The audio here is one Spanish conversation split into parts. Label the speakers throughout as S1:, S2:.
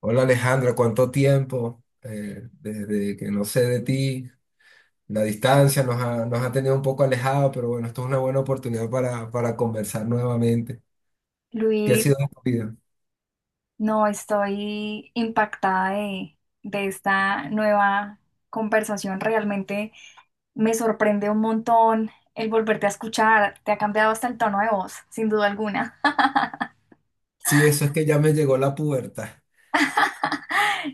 S1: Hola Alejandra, ¿cuánto tiempo? Desde que no sé de ti, la distancia nos ha tenido un poco alejado, pero bueno, esto es una buena oportunidad para conversar nuevamente. ¿Qué ha
S2: Luis,
S1: sido de tu vida?
S2: no estoy impactada de esta nueva conversación. Realmente me sorprende un montón el volverte a escuchar. Te ha cambiado hasta el tono de voz, sin duda alguna.
S1: Sí, eso es que ya me llegó la pubertad.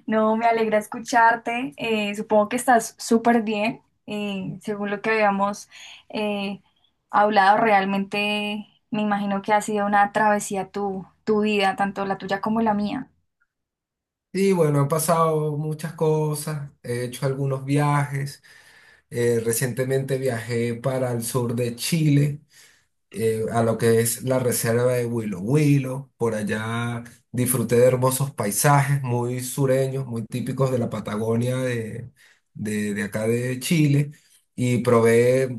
S2: No, me alegra escucharte. Supongo que estás súper bien. Según lo que habíamos eh, hablado, realmente me imagino que ha sido una travesía tu vida, tanto la tuya como la mía.
S1: Y bueno, han pasado muchas cosas, he hecho algunos viajes. Recientemente viajé para el sur de Chile, a lo que es la reserva de Huilo Huilo. Por allá disfruté de hermosos paisajes muy sureños, muy típicos de la Patagonia de acá de Chile. Y probé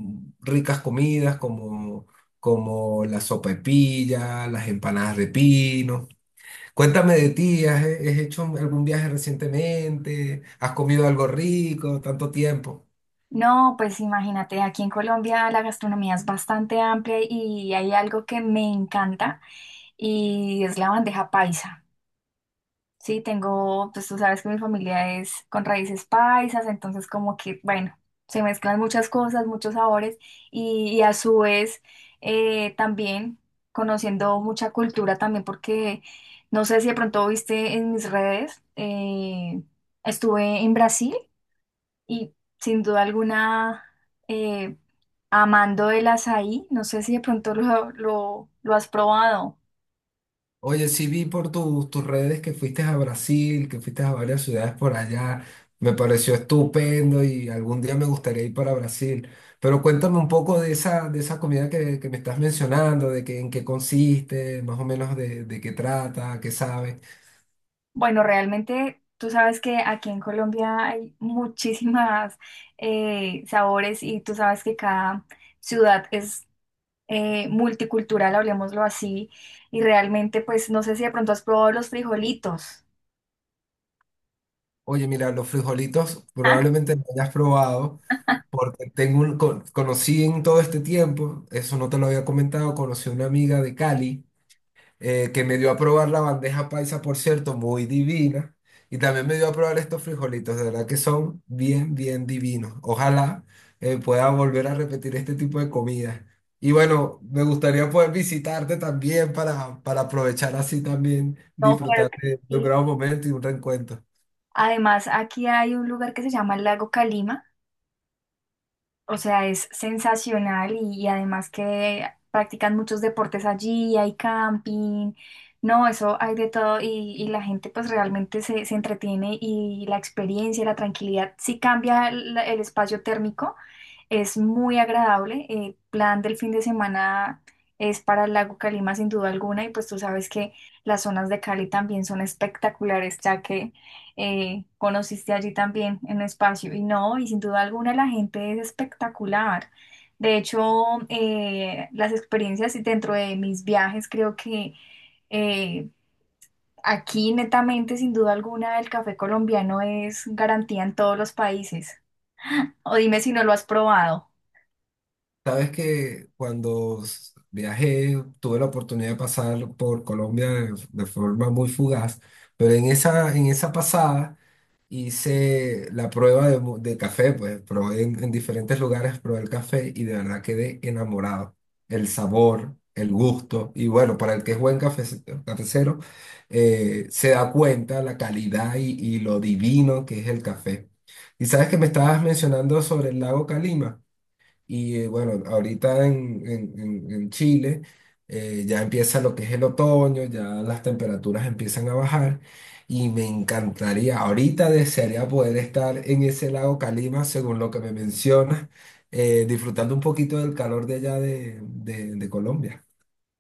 S1: ricas comidas como la sopa de pilla, las empanadas de pino. Cuéntame de ti, has hecho algún viaje recientemente? ¿Has comido algo rico tanto tiempo?
S2: No, pues imagínate, aquí en Colombia la gastronomía es bastante amplia y hay algo que me encanta y es la bandeja paisa. Sí, tengo, pues tú sabes que mi familia es con raíces paisas, entonces como que, bueno, se mezclan muchas cosas, muchos sabores y a su vez también conociendo mucha cultura también porque no sé si de pronto viste en mis redes, estuve en Brasil. Y sin duda alguna, eh, amando el azaí, no sé si de pronto lo has probado.
S1: Oye, sí vi por tus redes que fuiste a Brasil, que fuiste a varias ciudades por allá. Me pareció estupendo y algún día me gustaría ir para Brasil. Pero cuéntame un poco de esa comida que me estás mencionando, de que, en qué consiste, más o menos de qué trata, qué sabe.
S2: Bueno, realmente tú sabes que aquí en Colombia hay muchísimas sabores y tú sabes que cada ciudad es multicultural, hablemoslo así. Y realmente, pues no sé si de pronto has probado los frijolitos.
S1: Oye, mira, los frijolitos
S2: Ah.
S1: probablemente no hayas probado porque tengo un, conocí en todo este tiempo, eso no te lo había comentado, conocí a una amiga de Cali que me dio a probar la bandeja paisa, por cierto, muy divina. Y también me dio a probar estos frijolitos, de verdad que son bien, bien divinos. Ojalá pueda volver a repetir este tipo de comida. Y bueno, me gustaría poder visitarte también para aprovechar así también,
S2: No, claro
S1: disfrutar
S2: que
S1: de un
S2: sí.
S1: gran momento y un reencuentro.
S2: Además, aquí hay un lugar que se llama el Lago Calima. O sea, es sensacional y además que practican muchos deportes allí, hay camping, no, eso hay de todo y la gente pues realmente se entretiene y la experiencia, la tranquilidad, sí cambia el espacio térmico, es muy agradable. El plan del fin de semana es para el lago Calima sin duda alguna y pues tú sabes que las zonas de Cali también son espectaculares ya que conociste allí también en espacio y no, y sin duda alguna la gente es espectacular. De hecho, las experiencias y dentro de mis viajes creo que eh, aquí netamente sin duda alguna el café colombiano es garantía en todos los países. O dime si no lo has probado.
S1: Sabes que cuando viajé, tuve la oportunidad de pasar por Colombia de forma muy fugaz, pero en esa pasada, hice la prueba de, de café, pues probé en diferentes lugares, probé el café y de verdad quedé enamorado. El sabor, el gusto, y bueno, para el que es buen cafe, cafecero, se da cuenta la calidad y lo divino que es el café. Y sabes que me estabas mencionando sobre el lago Calima. Y bueno, ahorita en Chile ya empieza lo que es el otoño, ya las temperaturas empiezan a bajar y me encantaría, ahorita desearía poder estar en ese lago Calima, según lo que me mencionas, disfrutando un poquito del calor de allá de Colombia.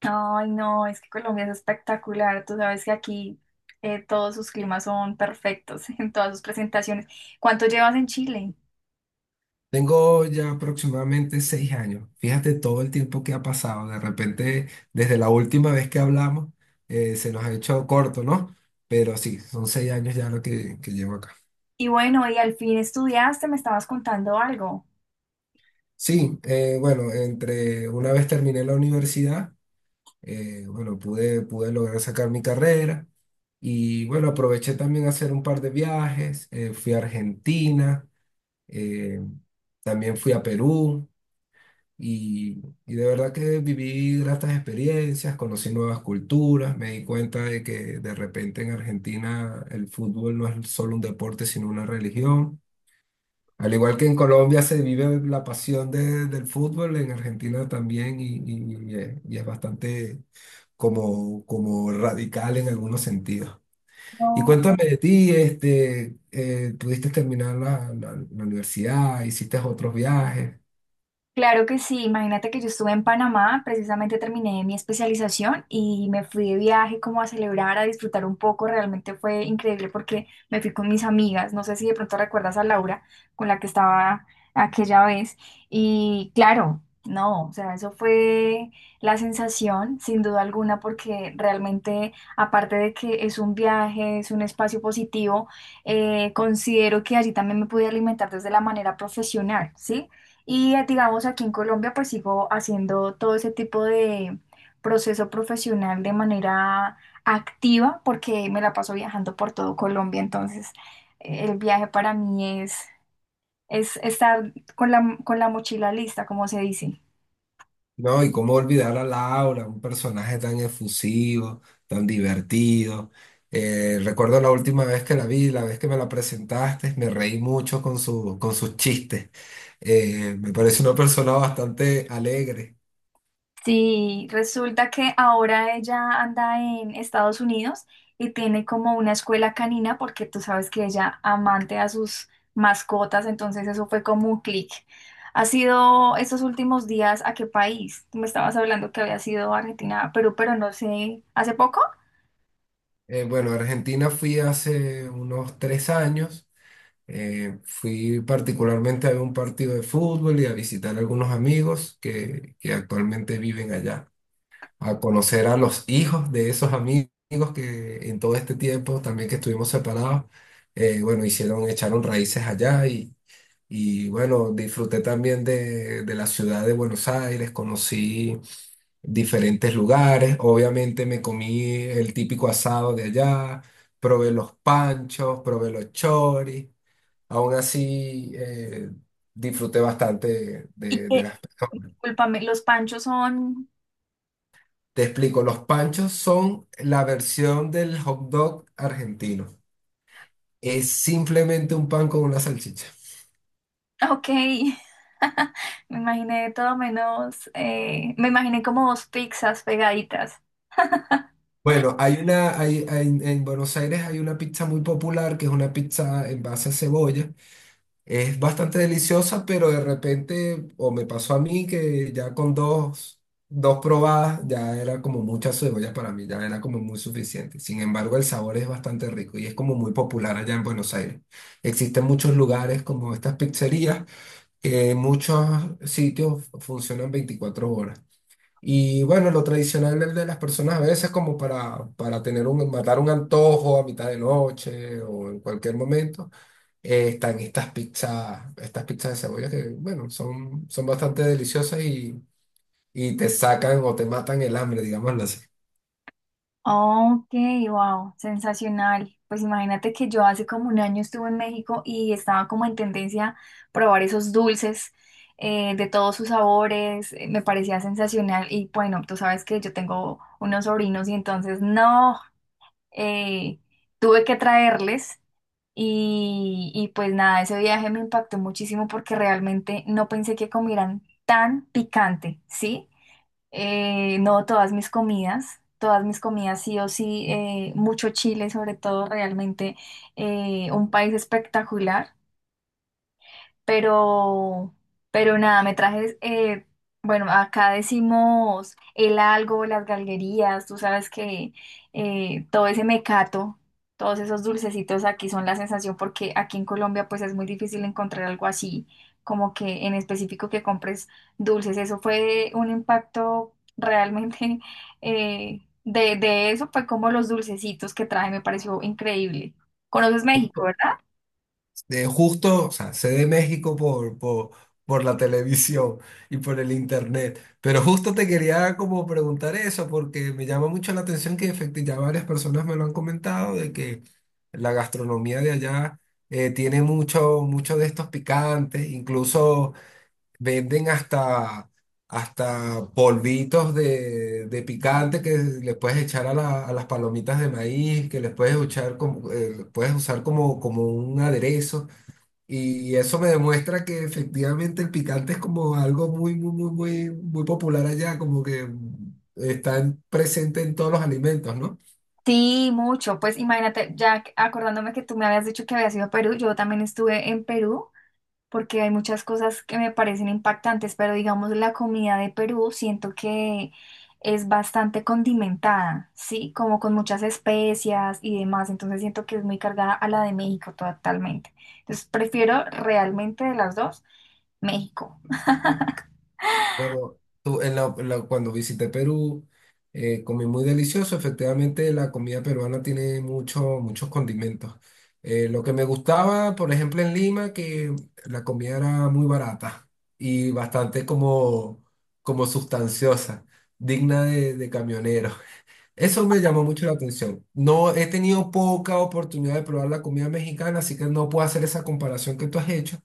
S2: Ay, no, es que Colombia es espectacular. Tú sabes que aquí todos sus climas son perfectos en todas sus presentaciones. ¿Cuánto llevas en Chile?
S1: Tengo ya aproximadamente seis años. Fíjate todo el tiempo que ha pasado. De repente, desde la última vez que hablamos, se nos ha hecho corto, ¿no? Pero sí, son seis años ya que llevo acá.
S2: Y bueno, y al fin estudiaste, me estabas contando algo.
S1: Sí, bueno, entre una vez terminé la universidad, bueno, pude lograr sacar mi carrera y bueno, aproveché también a hacer un par de viajes. Fui a Argentina, eh, también fui a Perú. Y, y de verdad que viví gratas experiencias, conocí nuevas culturas, me di cuenta de que de repente en Argentina el fútbol no es solo un deporte, sino una religión. Al igual que en Colombia se vive la pasión del fútbol, en Argentina también y es bastante como, como radical en algunos sentidos. Y
S2: No,
S1: cuéntame de ti, este, ¿pudiste terminar la, la universidad? ¿Hiciste otros viajes?
S2: claro que sí, imagínate que yo estuve en Panamá, precisamente terminé mi especialización y me fui de viaje como a celebrar, a disfrutar un poco, realmente fue increíble porque me fui con mis amigas, no sé si de pronto recuerdas a Laura con la que estaba aquella vez y claro, no, o sea, eso fue la sensación sin duda alguna porque realmente aparte de que es un viaje, es un espacio positivo, considero que allí también me pude alimentar desde la manera profesional, ¿sí? Y digamos, aquí en Colombia pues sigo haciendo todo ese tipo de proceso profesional de manera activa porque me la paso viajando por todo Colombia. Entonces, el viaje para mí es estar con la mochila lista, como se dice.
S1: No, y cómo olvidar a Laura, un personaje tan efusivo, tan divertido. Recuerdo la última vez que la vi, la vez que me la presentaste, me reí mucho con con sus chistes. Me parece una persona bastante alegre.
S2: Sí, resulta que ahora ella anda en Estados Unidos y tiene como una escuela canina porque tú sabes que ella amante a sus mascotas, entonces eso fue como un clic. ¿Ha sido estos últimos días a qué país? Tú me estabas hablando que había sido Argentina, a Perú, pero no sé, ¿hace poco?
S1: Bueno, a Argentina fui hace unos tres años. Fui particularmente a ver un partido de fútbol y a visitar a algunos amigos que actualmente viven allá, a conocer a los hijos de esos amigos que en todo este tiempo también que estuvimos separados, bueno, hicieron, echaron raíces allá y bueno, disfruté también de la ciudad de Buenos Aires, conocí diferentes lugares, obviamente me comí el típico asado de allá, probé los panchos, probé los choris, aún así disfruté bastante
S2: Y
S1: de
S2: que,
S1: las…
S2: discúlpame, los panchos son...
S1: Te explico, los panchos son la versión del hot dog argentino. Es simplemente un pan con una salchicha.
S2: Ok, me imaginé todo menos, me imaginé como dos pizzas pegaditas.
S1: Bueno, hay una, en Buenos Aires hay una pizza muy popular que es una pizza en base a cebolla. Es bastante deliciosa, pero de repente, o me pasó a mí que ya con dos probadas ya era como mucha cebolla para mí, ya era como muy suficiente. Sin embargo, el sabor es bastante rico y es como muy popular allá en Buenos Aires. Existen muchos lugares como estas pizzerías. Muchos sitios funcionan 24 horas. Y bueno, lo tradicional es de las personas a veces como para tener un, matar un antojo a mitad de noche o en cualquier momento, están estas pizzas de cebolla que, bueno, son, son bastante deliciosas y te sacan o te matan el hambre, digámoslo así.
S2: Ok, wow, sensacional. Pues imagínate que yo hace como un año estuve en México y estaba como en tendencia a probar esos dulces de todos sus sabores. Me parecía sensacional y bueno, tú sabes que yo tengo unos sobrinos y entonces no, eh, tuve que traerles y pues nada, ese viaje me impactó muchísimo porque realmente no pensé que comieran tan picante, ¿sí? No, todas mis comidas sí o sí, mucho Chile sobre todo, realmente un país espectacular. Pero, pero nada, me traje, bueno, acá decimos el algo, las galguerías, tú sabes que todo ese mecato, todos esos dulcecitos aquí son la sensación porque aquí en Colombia pues es muy difícil encontrar algo así, como que en específico que compres dulces. Eso fue un impacto realmente. De eso, fue como los dulcecitos que traje, me pareció increíble. ¿Conoces México, verdad?
S1: De justo, o sea, sé de México por la televisión y por el internet, pero justo te quería como preguntar eso porque me llama mucho la atención que efectivamente ya varias personas me lo han comentado de que la gastronomía de allá tiene mucho, mucho de estos picantes, incluso venden hasta polvitos de picante que le puedes echar a, a las palomitas de maíz, que les puedes echar como, puedes usar como, como un aderezo. Y eso me demuestra que efectivamente el picante es como algo muy, muy, muy, muy, muy popular allá, como que está presente en todos los alimentos, ¿no?
S2: Sí, mucho. Pues imagínate, acordándome que tú me habías dicho que habías ido a Perú, yo también estuve en Perú porque hay muchas cosas que me parecen impactantes, pero digamos la comida de Perú siento que es bastante condimentada, ¿sí? Como con muchas especias y demás, entonces siento que es muy cargada a la de México totalmente. Entonces prefiero realmente de las dos México.
S1: Bueno, tú, cuando visité Perú, comí muy delicioso. Efectivamente, la comida peruana tiene mucho, muchos condimentos. Lo que me gustaba, por ejemplo, en Lima, que la comida era muy barata y bastante como, como sustanciosa, digna de camionero. Eso me llamó mucho la atención. No he tenido poca oportunidad de probar la comida mexicana, así que no puedo hacer esa comparación que tú has hecho.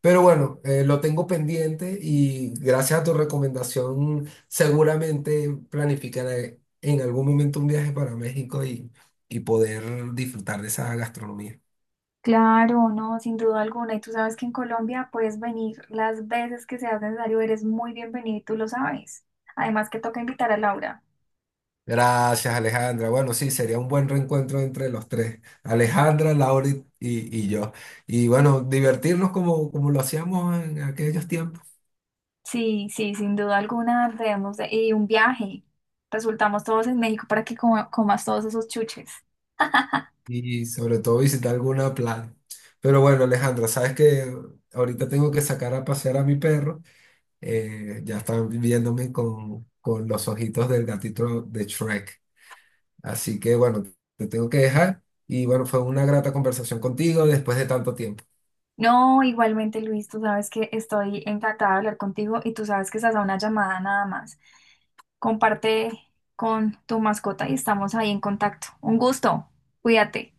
S1: Pero bueno, lo tengo pendiente y gracias a tu recomendación seguramente planificaré en algún momento un viaje para México y poder disfrutar de esa gastronomía.
S2: Claro, no, sin duda alguna. Y tú sabes que en Colombia puedes venir las veces que sea necesario, eres muy bienvenido y tú lo sabes. Además que toca invitar a Laura.
S1: Gracias, Alejandra. Bueno, sí, sería un buen reencuentro entre los tres, Alejandra, Laura y yo. Y bueno, divertirnos como, como lo hacíamos en aquellos tiempos
S2: Sí, sí, sin duda alguna debemos de... Y un viaje. Resultamos todos en México para que comas todos esos chuches.
S1: y sobre todo visitar alguna playa. Pero bueno, Alejandra, sabes que ahorita tengo que sacar a pasear a mi perro. Ya están viéndome con los ojitos del gatito de Shrek. Así que bueno, te tengo que dejar y bueno, fue una grata conversación contigo después de tanto tiempo.
S2: No, igualmente Luis, tú sabes que estoy encantada de hablar contigo y tú sabes que estás a una llamada nada más. Comparte con tu mascota y estamos ahí en contacto. Un gusto. Cuídate.